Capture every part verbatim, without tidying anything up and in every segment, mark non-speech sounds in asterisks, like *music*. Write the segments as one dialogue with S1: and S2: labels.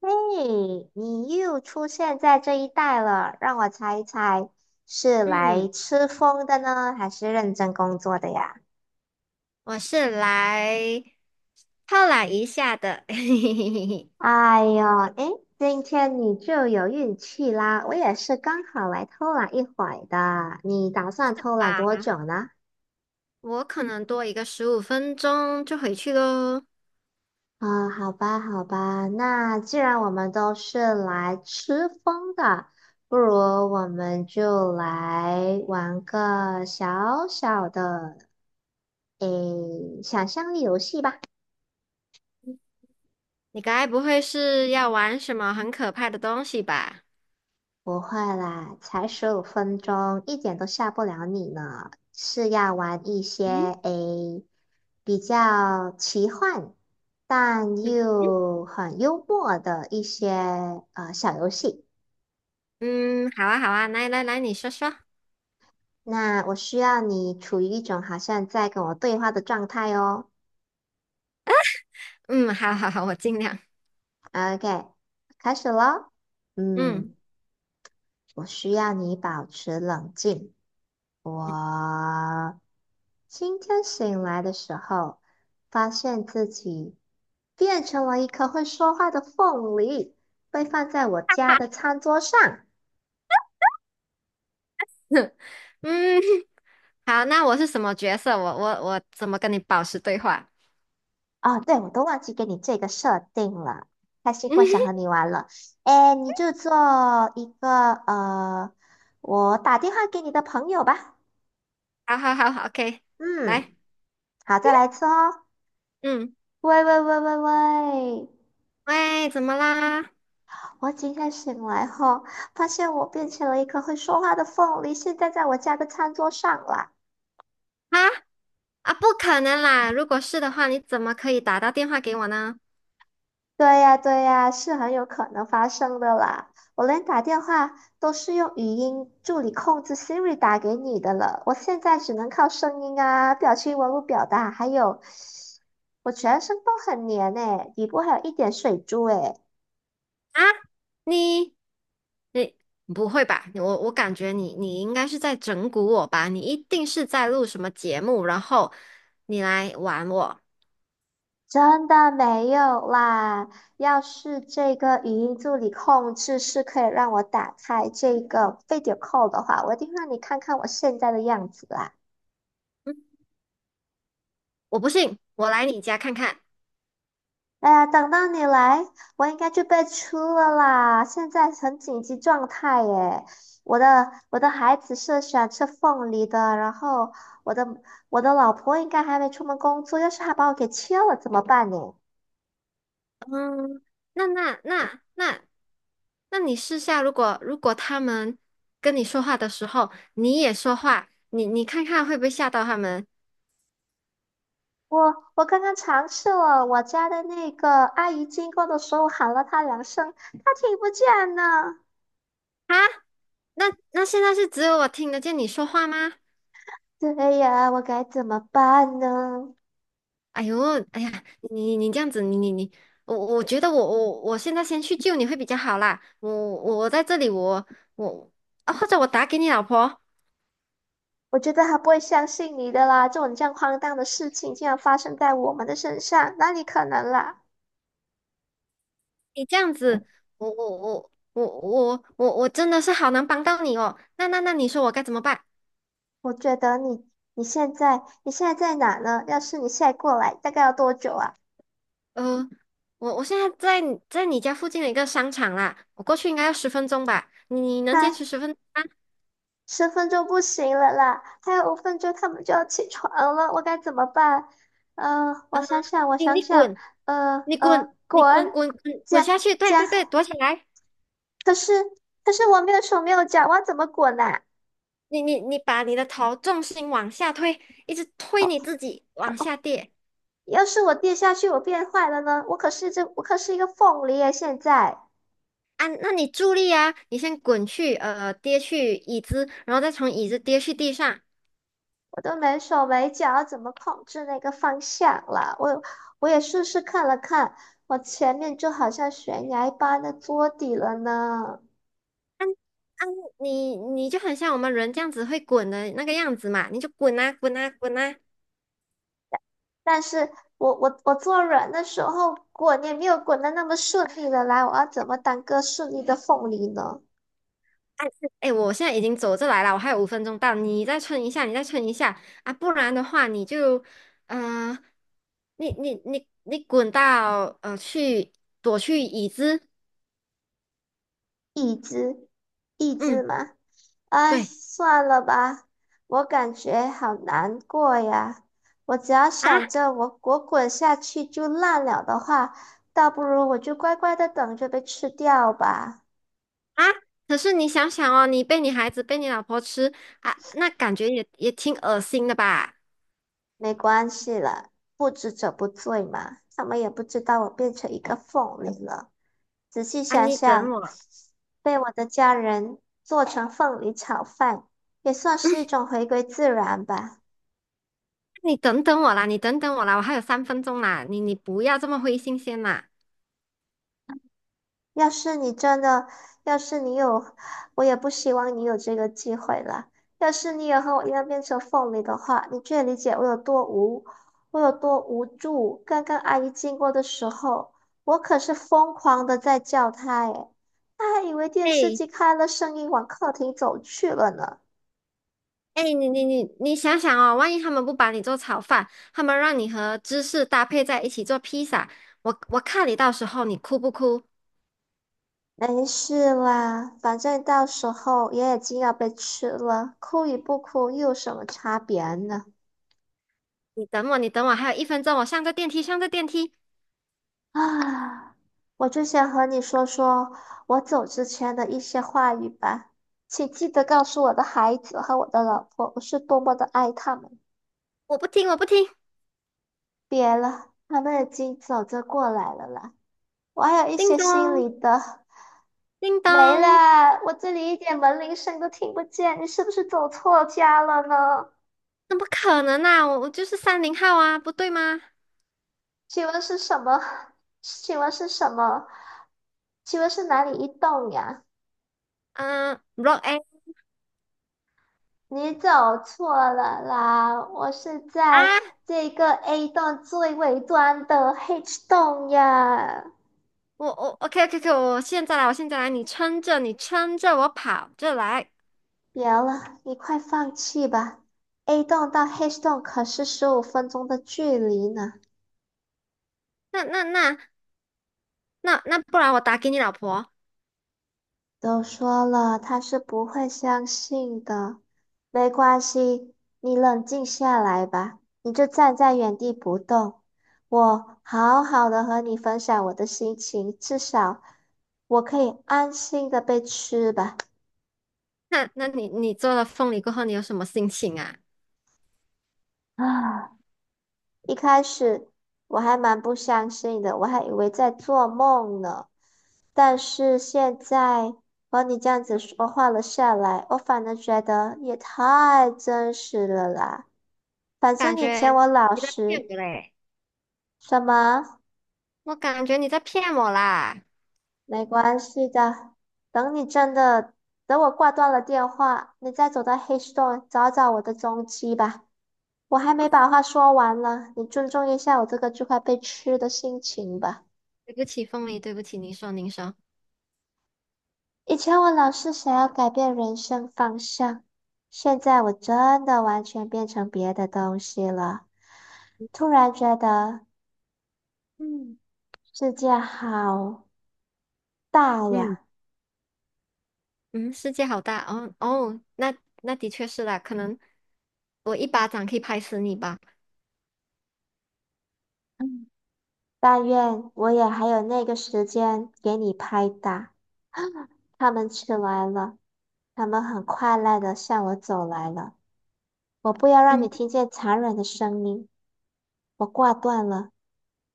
S1: 嘿，你又出现在这一带了，让我猜一猜，是来
S2: 嗯，
S1: 吃风的呢，还是认真工作的呀？
S2: 我是来犒懒一下的，*laughs* 嘿嘿嘿嘿嘿。
S1: 哎呦，诶，今天你就有运气啦，我也是刚好来偷懒一会儿的。你打算偷懒
S2: 吧，
S1: 多久呢？
S2: 我可能多一个十五分钟就回去喽。
S1: 啊，好吧，好吧，那既然我们都是来吃风的，不如我们就来玩个小小的诶，想象力游戏吧。
S2: 你该不会是要玩什么很可怕的东西吧？
S1: 不会啦，才十五分钟，一点都吓不了你呢。是要玩一些
S2: 嗯
S1: 诶比较奇幻，但
S2: 嗯
S1: 又很幽默的一些呃小游戏。
S2: 嗯，好啊好啊，来来来，你说说。
S1: 那我需要你处于一种好像在跟我对话的状态哦。
S2: 嗯，好好好，我尽量。
S1: OK，开始喽。
S2: 嗯
S1: 嗯，我需要你保持冷静。我今天醒来的时候，发现自己变成了一颗会说话的凤梨，被放在我家的餐桌上。
S2: *laughs* 嗯，好，那我是什么角色？我我我怎么跟你保持对话？
S1: 哦，对，我都忘记给你这个设定了。
S2: *laughs*
S1: 开心，奋，想
S2: 嗯，
S1: 和你玩了。哎，你就做一个呃，我打电话给你的朋友吧。
S2: 好好好好，OK，来，
S1: 嗯，好，再来一次哦。
S2: 嗯，
S1: 喂喂喂喂喂！
S2: 喂，怎么啦？
S1: 我今天醒来后，发现我变成了一颗会说话的凤梨，现在在我家的餐桌上啦。
S2: 啊啊，不可能啦！如果是的话，你怎么可以打到电话给我呢？
S1: 对呀，对呀，是很有可能发生的啦。我连打电话都是用语音助理控制 Siri 打给你的了，我现在只能靠声音啊、表情文物表达，还有我全身都很黏诶，底部还有一点水珠诶，
S2: 啊，你你不会吧？你我我感觉你你应该是在整蛊我吧？你一定是在录什么节目，然后你来玩我。
S1: 真的没有啦。要是这个语音助理控制是可以让我打开这个 video call 的话，我一定让你看看我现在的样子啦。
S2: 我不信，我来你家看看。
S1: 哎呀，等到你来，我应该就被出了啦！现在很紧急状态耶，我的我的孩子是想吃凤梨的，然后我的我的老婆应该还没出门工作，要是她把我给切了怎么办呢？
S2: 嗯，那那那那那你试下，如果如果他们跟你说话的时候，你也说话，你你看看会不会吓到他们？
S1: 我我刚刚尝试了，我家的那个阿姨经过的时候喊了她两声，她听不见呢。
S2: 啊，那那现在是只有我听得见你说话吗？
S1: 对呀，我该怎么办呢？
S2: 哎呦，哎呀，你你这样子，你你你，我我觉得我我我现在先去救你会比较好啦。我我我在这里，我我啊，或者我打给你老婆，
S1: 我觉得他不会相信你的啦，这种这样荒诞的事情竟然发生在我们的身上，哪里可能啦？
S2: 你这样子，我我我我我我我真的是好难帮到你哦。那那那你说我该怎么办？
S1: 我觉得你你现在你现在在哪呢？要是你现在过来，大概要多久啊？
S2: 呃，我我现在在你在你家附近的一个商场啦，我过去应该要十分钟吧？你你
S1: 啊，
S2: 能坚持十分钟吗？
S1: 十分钟不行了啦，还有五分钟他们就要起床了，我该怎么办？呃，我
S2: 呃
S1: 想想，我
S2: 你
S1: 想
S2: 你
S1: 想，
S2: 滚，
S1: 呃
S2: 你滚，
S1: 呃，
S2: 你滚
S1: 滚，
S2: 滚滚滚
S1: 加
S2: 下去！对
S1: 加，
S2: 对对，躲起来！
S1: 可是可是我没有手没有脚，我要怎么滚啊？
S2: 你你你把你的头重心往下推，一直推你自己往下跌
S1: 要是我跌下去，我变坏了呢？我可是这，我可是一个凤梨耶！现在
S2: 啊！那你助力啊，你先滚去呃跌去椅子，然后再从椅子跌去地上啊！
S1: 我都没手没脚，怎么控制那个方向了？我我也试试看了看，我前面就好像悬崖般的桌底了呢。
S2: 你你就很像我们人这样子会滚的那个样子嘛，你就滚啊滚啊滚啊！
S1: 但是我我我坐软的时候滚也没有滚的那么顺利了，来，我要怎么当个顺利的凤梨呢？
S2: 哎，我现在已经走这来了，我还有五分钟到，你再撑一下，你再撑一下啊，不然的话你就，嗯，你你你你滚到呃去躲去椅子，
S1: 一只，一只
S2: 嗯，
S1: 吗？哎，
S2: 对
S1: 算了吧，我感觉好难过呀。我只要
S2: 啊
S1: 想着我我滚下去就烂了的话，倒不如我就乖乖的等着被吃掉吧。
S2: 啊，可是你想想哦，你被你孩子被你老婆吃啊，那感觉也也挺恶心的吧？
S1: 没关系了，不知者不罪嘛，他们也不知道我变成一个凤梨了。仔细
S2: 啊，
S1: 想
S2: 你等
S1: 想，
S2: 我，
S1: 被我的家人做成凤梨炒饭，也算是一种回归自然吧。
S2: 你等等我啦，你等等我啦，我还有三分钟啦，你你不要这么灰心先啦，
S1: 要是你真的，要是你有，我也不希望你有这个机会啦。要是你也和我一样变成凤梨的话，你就会理解我有多无，我有多无助。刚刚阿姨经过的时候，我可是疯狂的在叫她，诶，她还以为电视
S2: 哎。
S1: 机开了声音往客厅走去了呢。
S2: 哎，你你你你想想哦，万一他们不把你做炒饭，他们让你和芝士搭配在一起做披萨，我我看你到时候你哭不哭？
S1: 没事啦，反正到时候也已经要被吃了，哭与不哭又有什么差别呢？
S2: 你等我，你等我，还有一分钟，我上个电梯，上个电梯，
S1: *sighs* 啊。我就想和你说说我走之前的一些话语吧，请记得告诉我的孩子和我的老婆，我是多么的爱他们。
S2: 我不听，我不听，
S1: 别了，他们已经走着过来了啦，我还有一
S2: 叮
S1: 些心
S2: 咚，
S1: 里的
S2: 叮
S1: 没了，
S2: 咚，
S1: 我这里一点门铃声都听不见，你是不是走错家了呢？
S2: 怎么可能啊？我我就是三零号啊，不对吗？
S1: 请问是什么？*laughs* 请问是什么？请问是哪里一栋呀？
S2: 嗯，Block A
S1: 你走错了啦，我是在
S2: 啊，
S1: 这个 A 栋最尾端的 H 栋呀。
S2: 我我 OK OK OK，我现在来，我现在来，你撑着，你撑着，我跑着来，
S1: 别了，你快放弃吧，A 栋到 H 栋可是十五分钟的距离呢。
S2: 那那那那那，不然我打给你老婆。
S1: 都说了，他是不会相信的。没关系，你冷静下来吧，你就站在原地不动。我好好的和你分享我的心情，至少我可以安心的被吃吧。
S2: 那那你你做了凤梨过后，你有什么心情啊？
S1: 啊，一开始我还蛮不相信的，我还以为在做梦呢。但是现在和你这样子说话了下来，我反而觉得也太真实了啦。反
S2: 感
S1: 正以前
S2: 觉
S1: 我老
S2: 你在骗
S1: 实，
S2: 我嘞！
S1: 什么
S2: 我感觉你在骗我啦！
S1: 没关系的。等你真的，等我挂断了电话，你再走到黑洞找找我的踪迹吧。我还没把话说完呢，你尊重一下我这个就快被吃的心情吧。
S2: 对不起，凤梨，对不起，您说您说，
S1: 以前我老是想要改变人生方向，现在我真的完全变成别的东西了。突然觉得，嗯，世界好大
S2: 嗯
S1: 呀。
S2: 嗯，世界好大哦哦，那那的确是啦，可能我一巴掌可以拍死你吧。
S1: 嗯。但愿我也还有那个时间给你拍打。他们起来了，他们很快乐的向我走来了。我不要让你
S2: 嗯，
S1: 听见残忍的声音。我挂断了，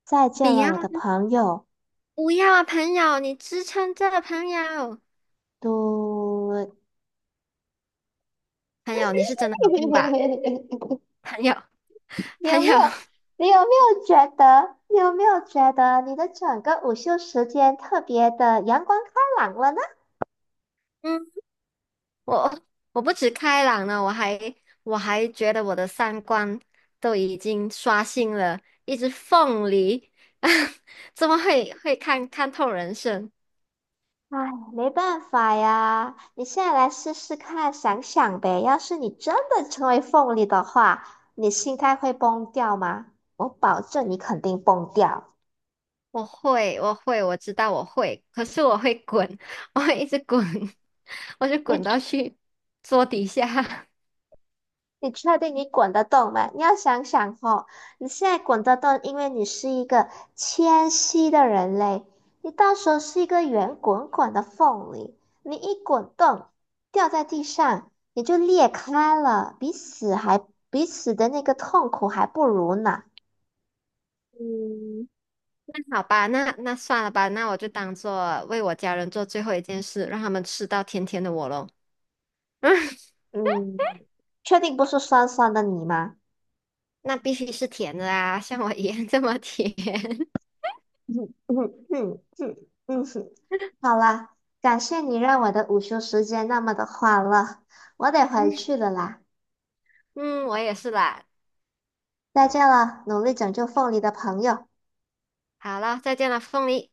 S1: 再
S2: 不
S1: 见了，
S2: 要
S1: 我的
S2: 啊
S1: 朋友。
S2: 不要啊，朋友，你支撑着，朋友，
S1: 嘟，*laughs*
S2: 朋友，你是真的有病吧？朋友，
S1: 你
S2: 朋
S1: 有没
S2: 友，
S1: 有？你有没有觉得？你有没有觉得你的整个午休时间特别的阳光开朗了呢？
S2: *laughs* 嗯，我我不止开朗了，我还我还觉得我的三观都已经刷新了，一只凤梨，*laughs* 怎么会会看看透人生？
S1: 唉，没办法呀，你现在来试试看，想想呗。要是你真的成为凤梨的话，你心态会崩掉吗？我保证你肯定崩掉。
S2: 我会，我会，我知道我会，可是我会滚，*laughs* 我会一直滚，*laughs* 我就滚
S1: 你
S2: 到去桌底下。*laughs*
S1: 你确定你滚得动吗？你要想想哦，你现在滚得动，因为你是一个谦虚的人类，你到时候是一个圆滚滚的凤梨，你一滚动掉在地上，你就裂开了，比死还比死的那个痛苦还不如呢。
S2: 嗯，那好吧，那那算了吧，那我就当做为我家人做最后一件事，让他们吃到甜甜的我喽。*laughs*
S1: 嗯，确定不是酸酸的你吗？
S2: 那必须是甜的啊，像我一样这么甜。
S1: *laughs* 嗯嗯嗯嗯嗯，哼好啦，感谢你让我的午休时间那么的欢乐，我得回去
S2: *laughs*
S1: 了啦，
S2: 嗯，我也是啦。
S1: 再见了，努力拯救凤梨的朋友。
S2: 好了，再见了，凤梨。